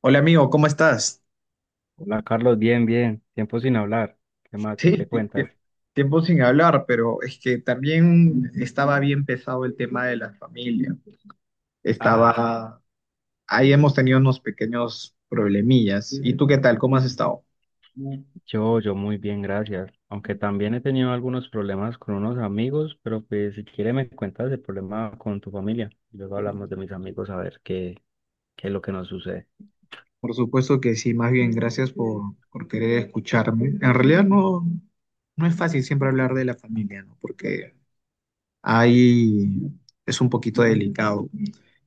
Hola amigo, ¿cómo estás? Hola Carlos, bien, bien, tiempo sin hablar. ¿Qué más? ¿Qué Sí, te Ti- ti- cuentas? Tiempo sin hablar, pero es que también estaba bien pesado el tema de la familia. Ah, Estaba, Ahí hemos tenido unos pequeños problemillas. ¿Y tú qué tal? ¿Cómo has estado? yo muy bien, gracias. Aunque también he tenido algunos problemas con unos amigos, pero pues si quieres me cuentas el problema con tu familia. Luego hablamos de mis amigos a ver qué es lo que nos sucede. Por supuesto que sí, más bien gracias por querer escucharme. En realidad no, no es fácil siempre hablar de la familia, ¿no? Porque ahí es un poquito delicado.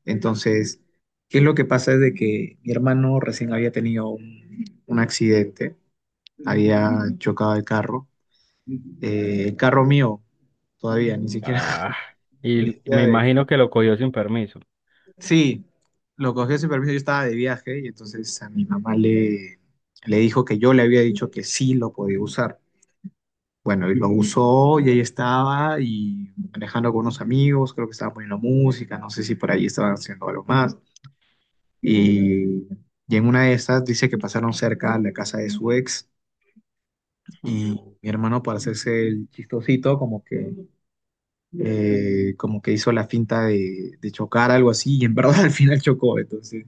Entonces, ¿qué es lo que pasa? Es de que mi hermano recién había tenido un accidente, había chocado el carro mío todavía, ni siquiera, Ah, ni y siquiera me de él. imagino que lo cogió sin permiso. Sí, lo cogió sin permiso, yo estaba de viaje y entonces a mi mamá le dijo que yo le había dicho que sí lo podía usar. Bueno, y lo usó y ahí estaba y manejando con unos amigos, creo que estaba poniendo música, no sé si por ahí estaban haciendo algo más. Y, y en una de esas dice que pasaron cerca a la casa de su ex Hmm. y mi hermano para hacerse el chistosito como que hizo la finta de chocar algo así y en verdad al final chocó. Entonces,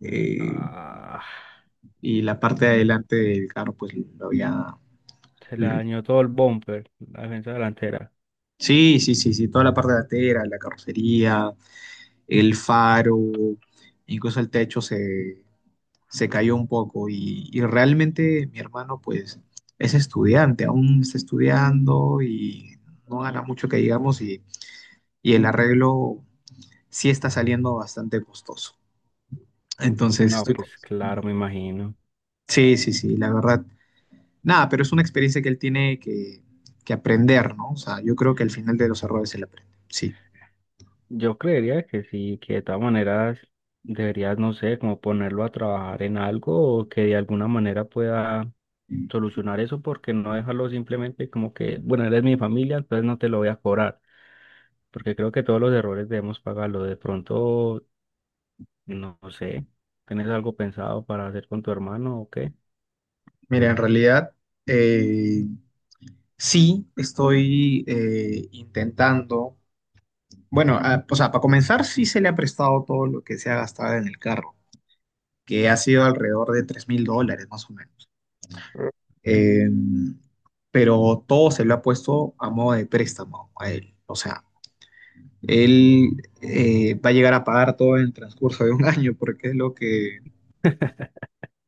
eh, Ah, y la parte de adelante del carro pues lo había... se le dañó todo el bumper, la defensa delantera. Sí, sí, sí, sí, toda la parte delantera, la carrocería, el faro, incluso el techo se cayó un poco y realmente mi hermano pues es estudiante, aún está estudiando y no gana mucho que digamos y el arreglo sí está saliendo bastante costoso. Entonces No, estoy... pues claro, me imagino. Sí, sí, sí, la verdad. Nada, pero es una experiencia que él tiene que aprender, ¿no? O sea, yo creo que al final de los errores él aprende. Sí. Yo creería que sí, que de todas maneras deberías, no sé, como ponerlo a trabajar en algo o que de alguna manera pueda solucionar eso, porque no dejarlo simplemente como que, bueno, eres mi familia, entonces no te lo voy a cobrar, porque creo que todos los errores debemos pagarlo. De pronto, no sé, ¿tienes algo pensado para hacer con tu hermano o qué? Mira, en realidad, eh, sí, estoy intentando. Bueno, ah, o sea, para comenzar, sí se le ha prestado todo lo que se ha gastado en el carro, que ha sido alrededor de 3.000 dólares más o menos. Eh, pero todo se lo ha puesto a modo de préstamo a él. O sea, él va a llegar a pagar todo en el transcurso de un año, porque es lo que.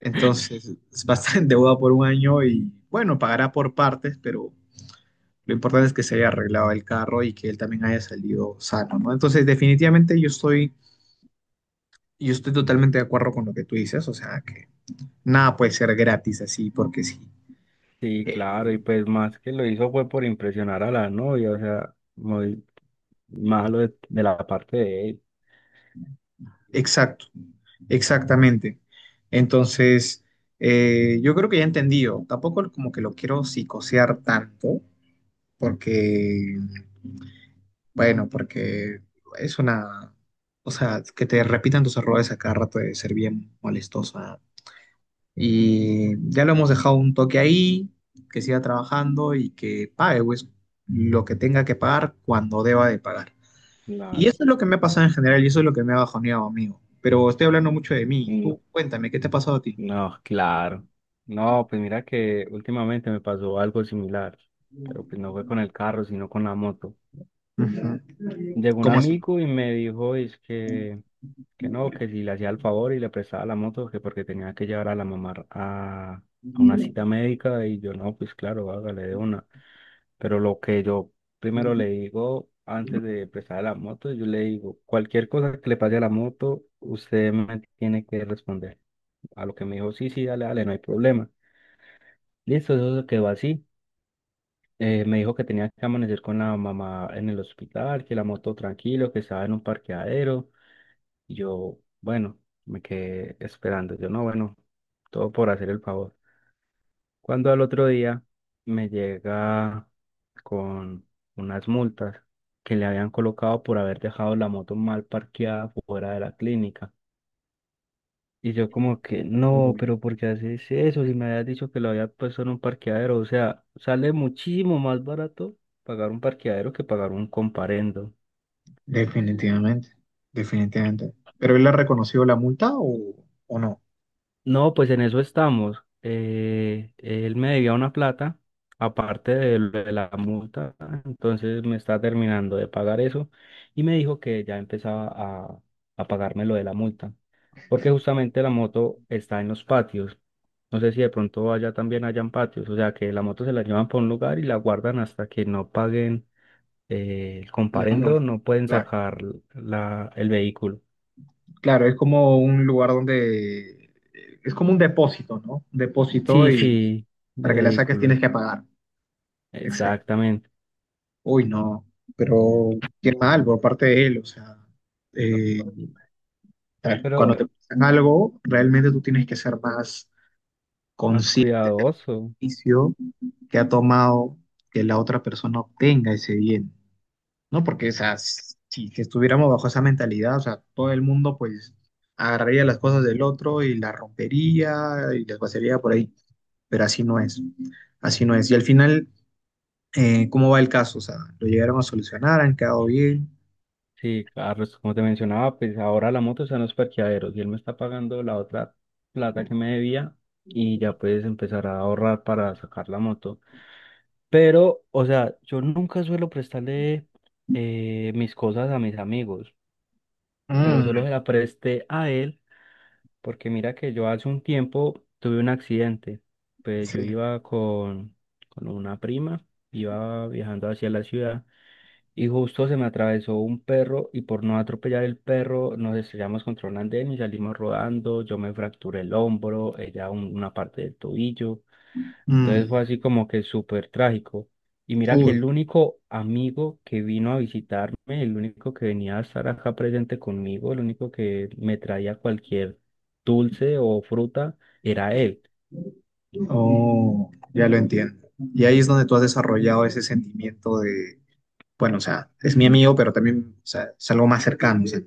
Entonces, va a estar en deuda por un año y, bueno, pagará por partes, pero lo importante es que se haya arreglado el carro y que él también haya salido sano, ¿no? Entonces, definitivamente yo estoy Yo estoy totalmente de acuerdo con lo que tú dices, o sea, que nada puede ser gratis así, porque sí. Sí, Eh, claro, y pues más que lo hizo fue por impresionar a la novia, o sea, muy malo de la parte de él. exacto, exactamente. Entonces, yo creo que ya he entendido. Tampoco como que lo quiero psicosear tanto, porque, bueno, porque es una, o sea, que te repitan tus errores a cada rato de ser bien molestosa. Y ya lo hemos dejado un toque ahí, que siga trabajando y que pague pues, lo que tenga que pagar cuando deba de pagar. la- Y eso es lo que me ha pasado en general y eso es lo que me ha bajoneado, amigo. Pero estoy hablando mucho de mí. Tú no. cuéntame, ¿qué te ha pasado a ti? No, claro. No, pues mira que últimamente me pasó algo similar, pero pues no fue con el carro, sino con la moto. Ujú. Llegó un ¿Cómo así? amigo y me dijo que no, que si le hacía el favor y le prestaba la moto, que porque tenía que llevar a la mamá a una cita médica y yo no, pues claro, hágale de una. Pero lo que yo primero le digo antes de prestar la moto, yo le digo, cualquier cosa que le pase a la moto, usted me tiene que responder. A lo que me dijo, sí, sí, dale, dale, no hay problema. Listo, eso quedó así. Me dijo que tenía que amanecer con la mamá en el hospital, que la moto tranquilo, que estaba en un parqueadero. Y yo, bueno, me quedé esperando. Yo, no, bueno, todo por hacer el favor. Cuando al otro día me llega con unas multas que le habían colocado por haber dejado la moto mal parqueada fuera de la clínica. Y yo como que, no, Uy, pero ¿por qué haces eso? Si me habías dicho que lo había puesto en un parqueadero, o sea, sale muchísimo más barato pagar un parqueadero que pagar un comparendo. definitivamente, definitivamente. ¿Pero él ha reconocido la multa o no? No, pues en eso estamos. Él me debía una plata, aparte de lo de la multa, entonces me está terminando de pagar eso y me dijo que ya empezaba a pagarme lo de la multa. Porque justamente la moto está en los patios. No sé si de pronto allá también hayan patios, o sea que la moto se la llevan por un lugar y la guardan hasta que no paguen el La comparendo, multa. no pueden Claro, sacar la, el vehículo. claro, es como un lugar donde... Es como un depósito, ¿no? Un depósito Sí, y sí, de para que la saques vehículos, tienes que pagar. Exacto. exactamente. Uy, no, pero qué mal por parte de él, o sea, eh, tal, cuando te Pero pasan algo, realmente tú tienes que ser más más consciente del cuidadoso. beneficio que ha tomado que la otra persona obtenga ese bien, ¿no? Porque, o sea, si, que estuviéramos bajo esa mentalidad, o sea, todo el mundo pues agarraría las cosas Mm. del otro y las rompería y las vaciaría por ahí, pero así no es, así no es. Y al final, ¿cómo va el caso? O sea, ¿lo llegaron a solucionar? ¿Han quedado bien? Sí, Carlos, como te mencionaba, pues ahora la moto está en los parqueaderos y él me está pagando la otra plata que me debía y ya puedes empezar a ahorrar para sacar la moto. Pero, o sea, yo nunca suelo prestarle mis cosas a mis amigos, pero solo Mm, se la presté a él, porque mira que yo hace un tiempo tuve un accidente. Pues yo iba con una prima, iba viajando hacia la ciudad y justo se me atravesó un perro y por no atropellar el perro nos estrellamos contra un andén y salimos rodando, yo me fracturé el hombro, ella una parte del tobillo. Entonces mm, fue así como que súper trágico. Y mira que uh, el único amigo que vino a visitarme, el único que venía a estar acá presente conmigo, el único que me traía cualquier dulce o fruta, era él. oh, ya lo entiendo. Y ahí es donde tú has desarrollado ese sentimiento de, bueno, o sea, es mi amigo, pero también, o sea, es algo más cercano, o sea,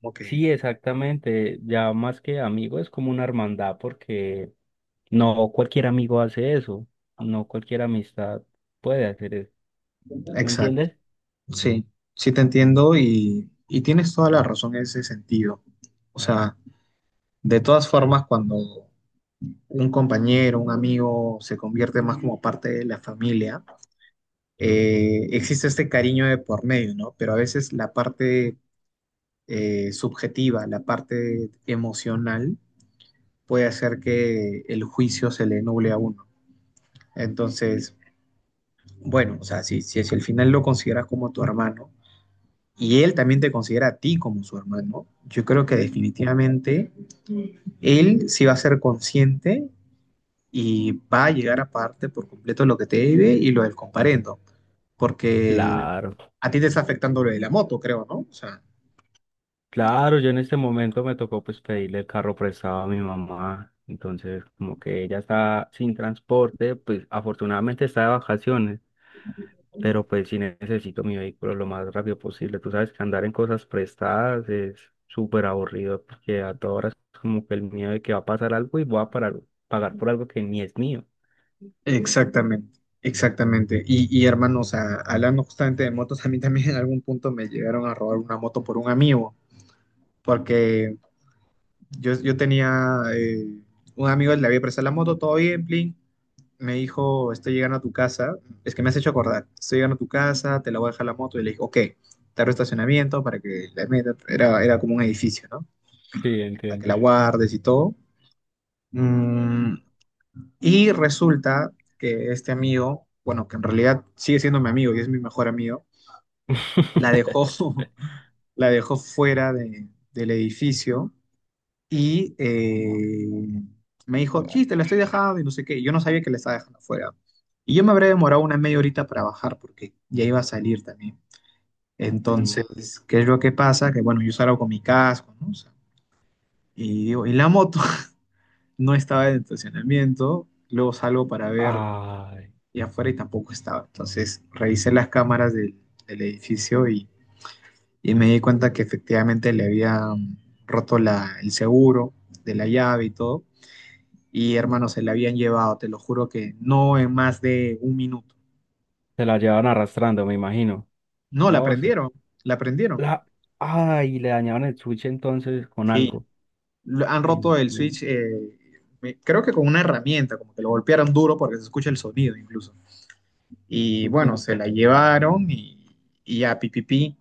como que, Sí, exactamente. Ya más que amigo es como una hermandad porque no cualquier amigo hace eso. No cualquier amistad puede hacer eso. ¿Me exacto. entiendes? Sí, sí te entiendo y tienes toda la razón en ese sentido. O sea, de todas formas, cuando un compañero, un amigo se convierte más como parte de la familia, existe este cariño de por medio, ¿no? Pero a veces la parte subjetiva, la parte emocional, puede hacer que el juicio se le nuble a uno. Entonces, bueno, o sea, si al final lo consideras como tu hermano y él también te considera a ti como su hermano, yo creo que definitivamente él sí va a ser consciente y va a llegar a parte por completo lo que te debe y lo del comparendo, porque Claro. a ti te está afectando lo de la moto, creo, ¿no? O sea, Claro, yo en este momento me tocó pues pedirle el carro prestado a mi mamá, entonces como que ella está sin transporte, pues afortunadamente está de vacaciones, pero pues sí necesito mi vehículo lo más rápido posible. Tú sabes que andar en cosas prestadas es súper aburrido porque a todas horas es como que el miedo de que va a pasar algo y voy a pagar por algo que ni es mío. exactamente, exactamente. Y hermano, o sea, hablando justamente de motos, a mí también en algún punto me llegaron a robar una moto por un amigo, porque yo tenía un amigo, le había prestado la moto, todo bien, plin. Me dijo, estoy llegando a tu casa, es que me has hecho acordar, estoy llegando a tu casa, te la voy a dejar la moto. Y le dije, ok, te arro estacionamiento para que la metas, era como un edificio, ¿no? Sí, Para que entiendo. la guardes y todo. Mm. Y resulta que este amigo, bueno, que en realidad sigue siendo mi amigo y es mi mejor amigo, la dejó, la dejó fuera del edificio y me dijo, sí, te la estoy dejando y no sé qué. Y yo no sabía que la estaba dejando fuera. Y yo me habré demorado una media horita para bajar porque ya iba a salir también. Sí. Entonces, ¿qué es lo que pasa? Que bueno, yo salgo con mi casco, ¿no? O sea, y digo, y la moto no estaba en el estacionamiento. Luego salgo para ver Ay, y afuera y tampoco estaba. Entonces revisé las cámaras del edificio y me di cuenta que efectivamente le habían roto la, el seguro de la llave y todo. Y hermano, se la habían llevado, te lo juro que no en más de un minuto. se la llevan arrastrando, me imagino. No, la No, eso prendieron, la prendieron. La... Ay, le dañaron el sushi entonces con Sí, algo. Han roto el Entiendo. switch, creo que con una herramienta, como que lo golpearon duro porque se escucha el sonido incluso. Y bueno, En- se la llevaron y ya, pipipi.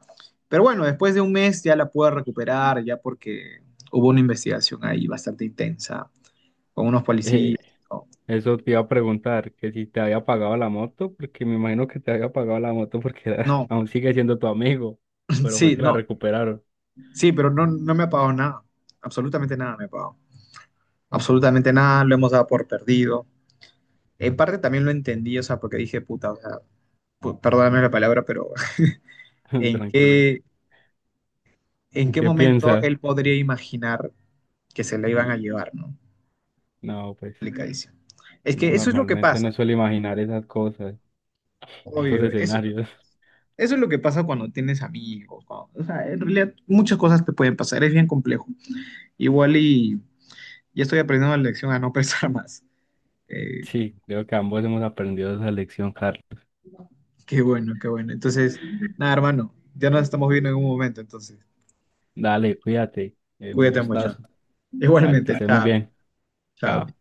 Pero bueno, después de un mes ya la pude recuperar, ya porque hubo una investigación ahí bastante intensa con unos eh, policías. No, Eso te iba a preguntar, que si te había pagado la moto, porque me imagino que te había pagado la moto porque era- no, aún sigue siendo tu amigo, pero fue sí, que la no, recuperaron. sí, pero no, no me ha pagado nada, absolutamente nada me ha pagado, absolutamente nada, lo hemos dado por perdido. En parte también lo entendí, o sea, porque dije, puta, o sea, perdóname la palabra, pero ¿en Tranquilo. qué, en qué ¿Qué momento piensas? él podría imaginar que se la iban a Sí. llevar, ¿no? No, pues Complicadísimo. Es no que eso es lo que normalmente no pasa. suele imaginar esas cosas, esos Obvio, eso es lo que escenarios. pasa. Eso es lo que pasa cuando tienes amigos. O sea, en realidad muchas cosas te pueden pasar, es bien complejo. Igual y ya estoy aprendiendo la lección a no pensar más. Eh, Sí, creo que ambos hemos aprendido esa lección, Carlos. qué bueno, qué bueno. Entonces, nada, hermano, ya nos estamos viendo en un momento, entonces, Dale, cuídate. Un cuídate mucho. gustazo. Vale, que Igualmente, estés muy chao, bien. chao. Chao.